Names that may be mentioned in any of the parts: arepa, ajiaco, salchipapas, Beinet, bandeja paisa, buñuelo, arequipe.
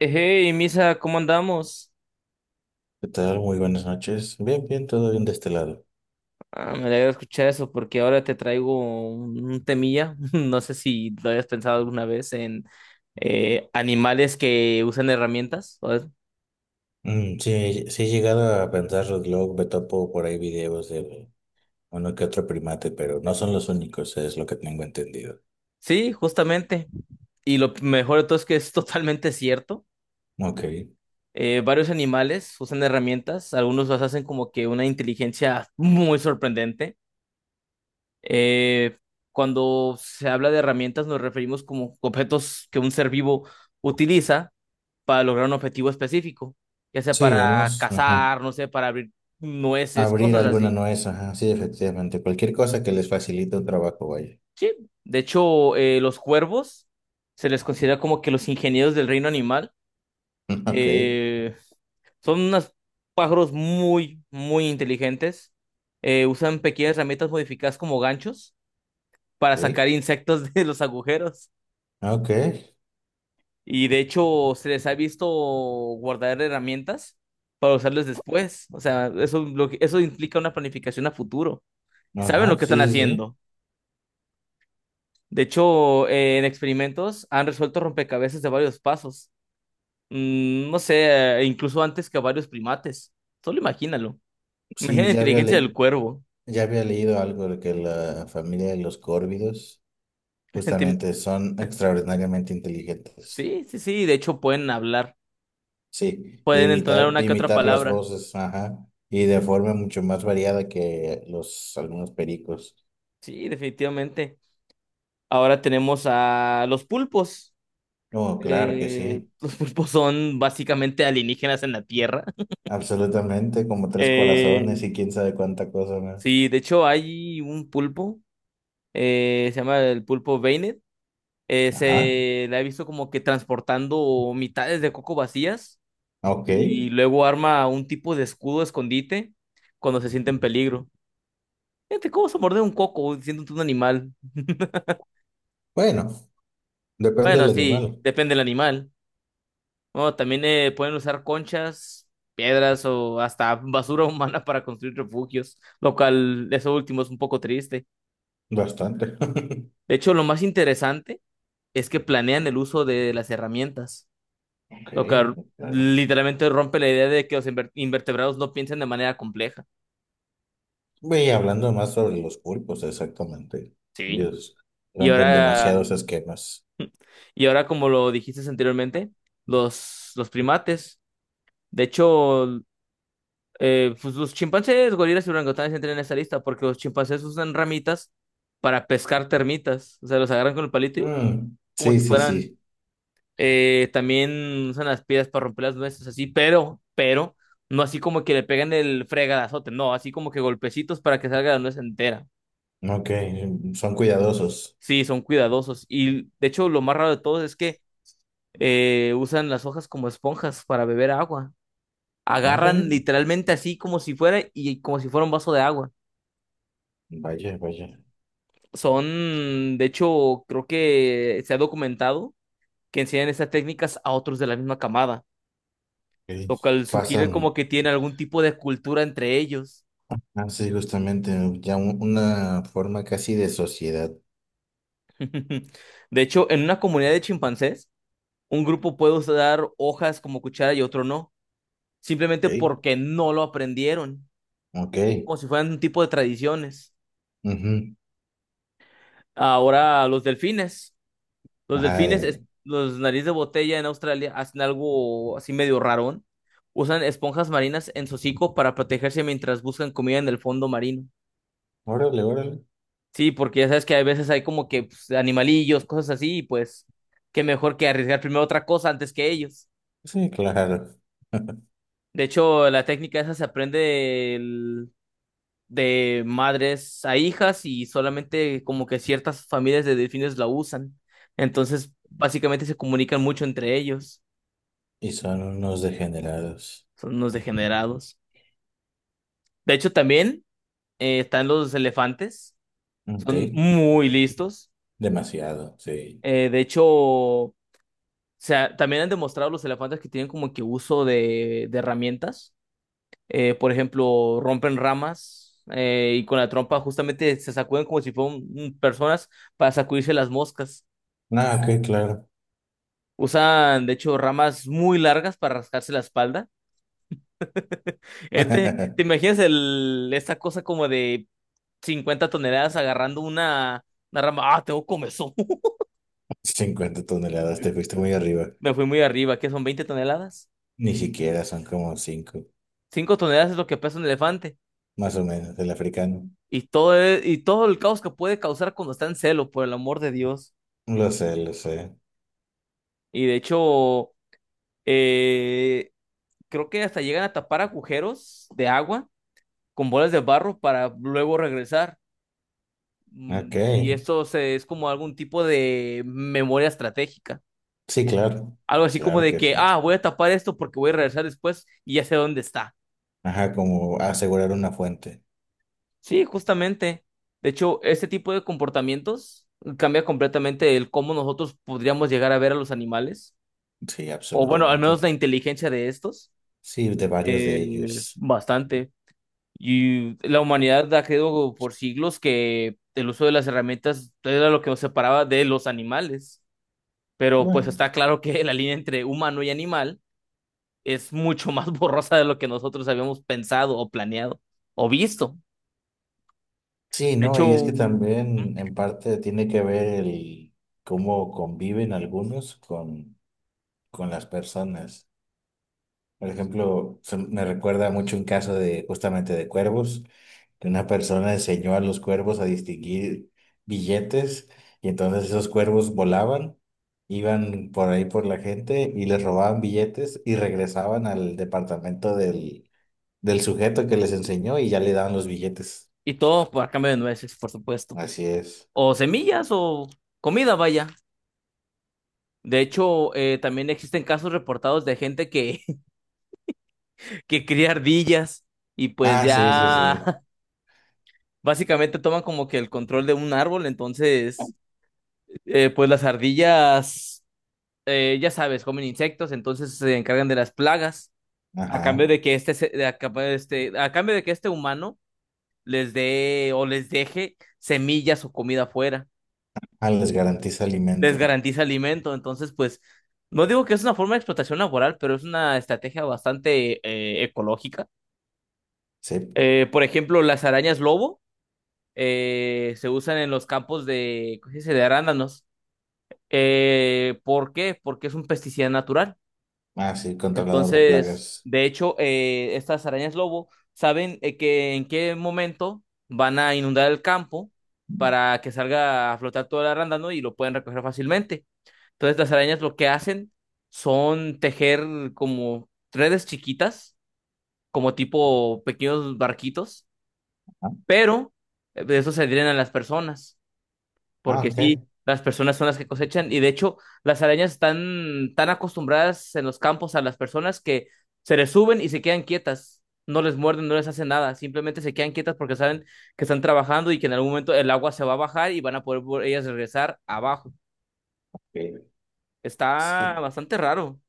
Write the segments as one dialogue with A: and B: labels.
A: Hey, Misa, ¿cómo andamos?
B: ¿Qué tal? Muy buenas noches. Bien, bien, todo bien de este lado.
A: Ah, me alegra escuchar eso porque ahora te traigo un temilla. No sé si lo hayas pensado alguna vez en animales que usan herramientas.
B: Mm, sí, sí he llegado a pensarlo, luego me topo por ahí videos de uno que otro primate, pero no son los únicos, es lo que tengo entendido.
A: Sí, justamente. Y lo mejor de todo es que es totalmente cierto.
B: Ok.
A: Varios animales usan herramientas. Algunos las hacen como que una inteligencia muy sorprendente. Eh, Cuando se habla de herramientas nos referimos como objetos que un ser vivo utiliza para lograr un objetivo específico, ya sea
B: Sí,
A: para
B: unos, ajá.
A: cazar, no sé, para abrir nueces,
B: Abrir
A: cosas
B: alguna
A: así.
B: nuez, ajá, sí, efectivamente. Cualquier cosa que les facilite un trabajo, vaya.
A: Sí, de hecho, los cuervos se les considera como que los ingenieros del reino animal.
B: Ok,
A: Eh, Son unos pájaros muy, muy inteligentes. Usan pequeñas herramientas modificadas como ganchos para sacar
B: ok,
A: insectos de los agujeros.
B: ok,
A: Y de hecho, se les ha visto guardar herramientas para usarles después. O sea, eso, eso implica una planificación a futuro. Saben
B: ajá,
A: lo que están
B: sí, sí, sí.
A: haciendo. De hecho, en experimentos han resuelto rompecabezas de varios pasos. Mm, no sé, incluso antes que varios primates. Solo imagínalo. Imagina
B: Sí,
A: la
B: ya había,
A: inteligencia
B: le-
A: del cuervo.
B: ya había leído algo de que la familia de los córvidos
A: Te-
B: justamente son extraordinariamente inteligentes.
A: Sí, sí, sí. De hecho, pueden hablar.
B: Sí,
A: Pueden entonar
B: imitar,
A: una que otra
B: imitar las
A: palabra.
B: voces, ajá, y de forma mucho más variada que los algunos pericos.
A: Sí, definitivamente. Ahora tenemos a los pulpos.
B: No, claro que sí,
A: Los pulpos son básicamente alienígenas en la Tierra.
B: absolutamente, como tres
A: Eh,
B: corazones y quién sabe cuánta cosa más.
A: sí, de hecho, hay un pulpo. Se llama el pulpo Beinet.
B: Ajá,
A: Se la he visto como que transportando mitades de coco vacías
B: ok.
A: y luego arma un tipo de escudo escondite cuando se siente en peligro. Fíjate, ¿cómo se morder un coco siendo tú un animal?
B: Bueno, depende
A: Bueno,
B: del
A: sí,
B: animal,
A: depende del animal. Bueno, también pueden usar conchas, piedras o hasta basura humana para construir refugios, lo cual eso último es un poco triste.
B: bastante.
A: De hecho, lo más interesante es que planean el uso de las herramientas.
B: Ok,
A: Lo que
B: claro.
A: literalmente rompe la idea de que los invertebrados no piensan de manera compleja.
B: Y hablando más sobre los pulpos, exactamente.
A: Sí.
B: Dios,
A: Y
B: rompen
A: ahora,
B: demasiados esquemas.
A: y ahora como lo dijiste anteriormente, los primates, de hecho, pues los chimpancés, gorilas y orangutanes entran en esta lista porque los chimpancés usan ramitas para pescar termitas. O sea, los agarran con el palito y,
B: Mm,
A: como
B: sí,
A: si
B: sí,
A: fueran,
B: sí.
A: también usan las piedras para romper las nueces, así, pero, no así como que le pegan el fregadazote, no, así como que golpecitos para que salga la nuez entera.
B: Ok, son cuidadosos.
A: Sí, son cuidadosos. Y de hecho, lo más raro de todo es que usan las hojas como esponjas para beber agua. Agarran
B: Órale.
A: literalmente así como si fuera y como si fuera un vaso de agua.
B: Vaya, vaya.
A: Son, de hecho, creo que se ha documentado que enseñan estas técnicas a otros de la misma camada,
B: Ok.
A: lo cual sugiere como
B: Pasan
A: que tiene algún tipo de cultura entre ellos.
B: así justamente, ¿no? Una forma casi de sociedad.
A: De hecho, en una comunidad de chimpancés, un grupo puede usar hojas como cuchara y otro no, simplemente
B: Ok.
A: porque no lo aprendieron.
B: Ok.
A: Como si fueran un tipo de tradiciones.
B: Ujú.
A: Ahora los delfines. Los delfines,
B: Ay,
A: los nariz de botella en Australia hacen algo así medio rarón. Usan esponjas marinas en su hocico para protegerse mientras buscan comida en el fondo marino.
B: órale, órale.
A: Sí, porque ya sabes que a veces hay como que pues, animalillos, cosas así, y pues qué mejor que arriesgar primero otra cosa antes que ellos.
B: Sí, claro.
A: De hecho, la técnica esa se aprende de madres a hijas y solamente como que ciertas familias de delfines la usan. Entonces, básicamente se comunican mucho entre ellos.
B: Y son unos degenerados.
A: Son unos degenerados. De hecho, también están los elefantes.
B: Ok.
A: Son muy listos.
B: Demasiado, sí.
A: De hecho, o sea, también han demostrado los elefantes que tienen como que uso de herramientas. Por ejemplo, rompen ramas y con la trompa justamente se sacuden como si fueran personas para sacudirse las moscas.
B: Ah, ok, claro.
A: Usan, de hecho, ramas muy largas para rascarse la espalda. ¿Te imaginas el, esa cosa como de 50 toneladas agarrando una rama? Ah, tengo comezón.
B: 50 toneladas, te fuiste muy arriba.
A: Me fui muy arriba, ¿qué son 20 toneladas?
B: Ni siquiera son como 5,
A: 5 toneladas es lo que pesa un elefante.
B: más o menos, el africano.
A: Y todo, y todo el caos que puede causar cuando está en celo, por el amor de Dios.
B: Lo sé, lo sé.
A: Y de hecho, eh, creo que hasta llegan a tapar agujeros de agua con bolas de barro para luego regresar. Mm,
B: Ok.
A: y esto es como algún tipo de memoria estratégica.
B: Sí, claro.
A: Algo así como
B: Claro
A: de
B: que
A: que,
B: sí.
A: ah, voy a tapar esto porque voy a regresar después y ya sé dónde está.
B: Ajá, como asegurar una fuente.
A: Sí, justamente. De hecho, este tipo de comportamientos cambia completamente el cómo nosotros podríamos llegar a ver a los animales.
B: Sí,
A: O bueno, al menos
B: absolutamente.
A: la inteligencia de estos.
B: Sí, de varios
A: Eh,
B: de ellos.
A: Bastante. Y la humanidad ha creído por siglos que el uso de las herramientas era lo que nos separaba de los animales, pero pues
B: Bueno,
A: está claro que la línea entre humano y animal es mucho más borrosa de lo que nosotros habíamos pensado o planeado o visto.
B: sí,
A: De
B: ¿no? Y es
A: hecho,
B: que también en parte tiene que ver el cómo conviven algunos con las personas. Por ejemplo, me recuerda mucho un caso de justamente de cuervos, que una persona enseñó a los cuervos a distinguir billetes, y entonces esos cuervos volaban, iban por ahí por la gente y les robaban billetes y regresaban al departamento del sujeto que les enseñó, y ya le daban los billetes.
A: y todo por a cambio de nueces, por supuesto.
B: Así es.
A: O semillas o comida, vaya. De hecho, también existen casos reportados de gente que, que cría ardillas y pues
B: Ah, sí, sí,
A: ya
B: sí.
A: básicamente toman como que el control de un árbol. Entonces, pues las ardillas, ya sabes, comen insectos, entonces se encargan de las plagas. A
B: Ajá.
A: cambio de que este, de a cambio de este, a cambio de que este humano les dé o les deje semillas o comida afuera,
B: Ah, les garantiza
A: les
B: alimento.
A: garantiza alimento. Entonces, pues, no digo que es una forma de explotación laboral, pero es una estrategia bastante ecológica.
B: Sí.
A: Por ejemplo, las arañas lobo se usan en los campos de, ¿cómo se dice? De arándanos. ¿Por qué? Porque es un pesticida natural.
B: Ah, sí, controlador de
A: Entonces,
B: plagas.
A: de hecho, estas arañas lobo saben que en qué momento van a inundar el campo para que salga a flotar todo el arándano y lo pueden recoger fácilmente. Entonces, las arañas lo que hacen son tejer como redes chiquitas, como tipo pequeños barquitos,
B: Ah,
A: pero de eso se adhieren a las personas
B: ah,
A: porque sí,
B: ok.
A: las personas son las que cosechan y de hecho las arañas están tan acostumbradas en los campos a las personas que se les suben y se quedan quietas, no les muerden, no les hacen nada, simplemente se quedan quietas porque saben que están trabajando y que en algún momento el agua se va a bajar y van a poder ellas regresar abajo.
B: Ok.
A: Está
B: Sí.
A: bastante raro.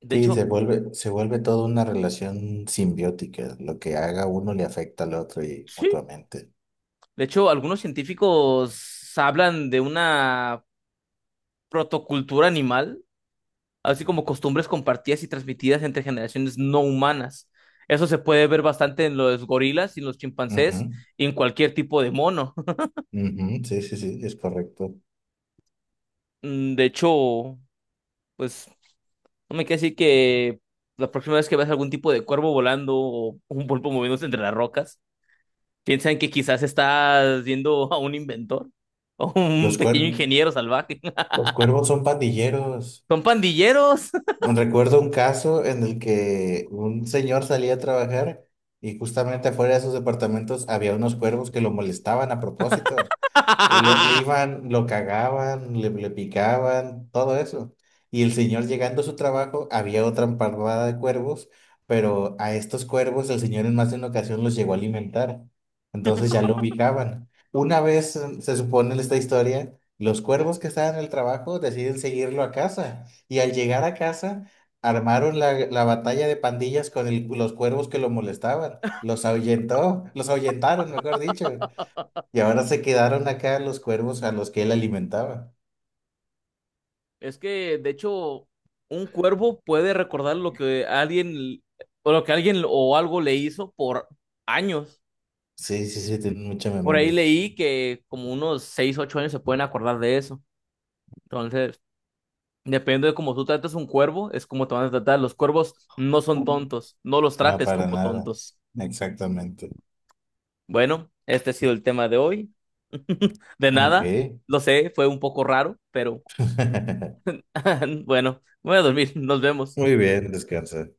A: De
B: Sí,
A: hecho,
B: se vuelve toda una relación simbiótica. Lo que haga uno le afecta al otro y
A: sí,
B: mutuamente.
A: de hecho algunos científicos hablan de una protocultura animal, así como costumbres compartidas y transmitidas entre generaciones no humanas. Eso se puede ver bastante en los gorilas y en los
B: Ujú,
A: chimpancés y en cualquier tipo de mono.
B: ujú, sí, sí, sí, es correcto.
A: Mm, de hecho, pues no me queda decir que la próxima vez que veas algún tipo de cuervo volando o un pulpo moviéndose entre las rocas, piensa en que quizás estás viendo a un inventor o un
B: Los
A: pequeño
B: cuer-
A: ingeniero salvaje.
B: los cuervos son pandilleros.
A: Son pandilleros.
B: Recuerdo un caso en el que un señor salía a trabajar y justamente afuera de sus departamentos había unos cuervos que lo molestaban a propósito. Lo- le iban, lo cagaban, le picaban, todo eso. Y el señor, llegando a su trabajo, había otra parvada de cuervos, pero a estos cuervos el señor en más de una ocasión los llegó a alimentar. Entonces ya lo ubicaban. Una vez, se supone en esta historia, los cuervos que estaban en el trabajo deciden seguirlo a casa. Y al llegar a casa, armaron la batalla de pandillas con el- los cuervos que lo molestaban. Los ahuyentó, los ahuyentaron, mejor dicho. Y ahora se quedaron acá los cuervos a los que él alimentaba.
A: Es que, de hecho, un cuervo puede recordar lo que alguien, o lo que alguien o algo le hizo por años.
B: Sí, sí, sí, tienen mucha
A: Por ahí
B: memoria.
A: leí que como unos 6, 8 años se pueden acordar de eso. Entonces, depende de cómo tú trates un cuervo, es como te van a tratar. Los cuervos no son
B: Ujú.
A: tontos, no los
B: No,
A: trates
B: para
A: como
B: nada.
A: tontos.
B: Exactamente.
A: Bueno, este ha sido el tema de hoy. De nada,
B: Ok.
A: lo sé, fue un poco raro, pero bueno, voy a dormir, nos vemos.
B: Muy bien, descansa.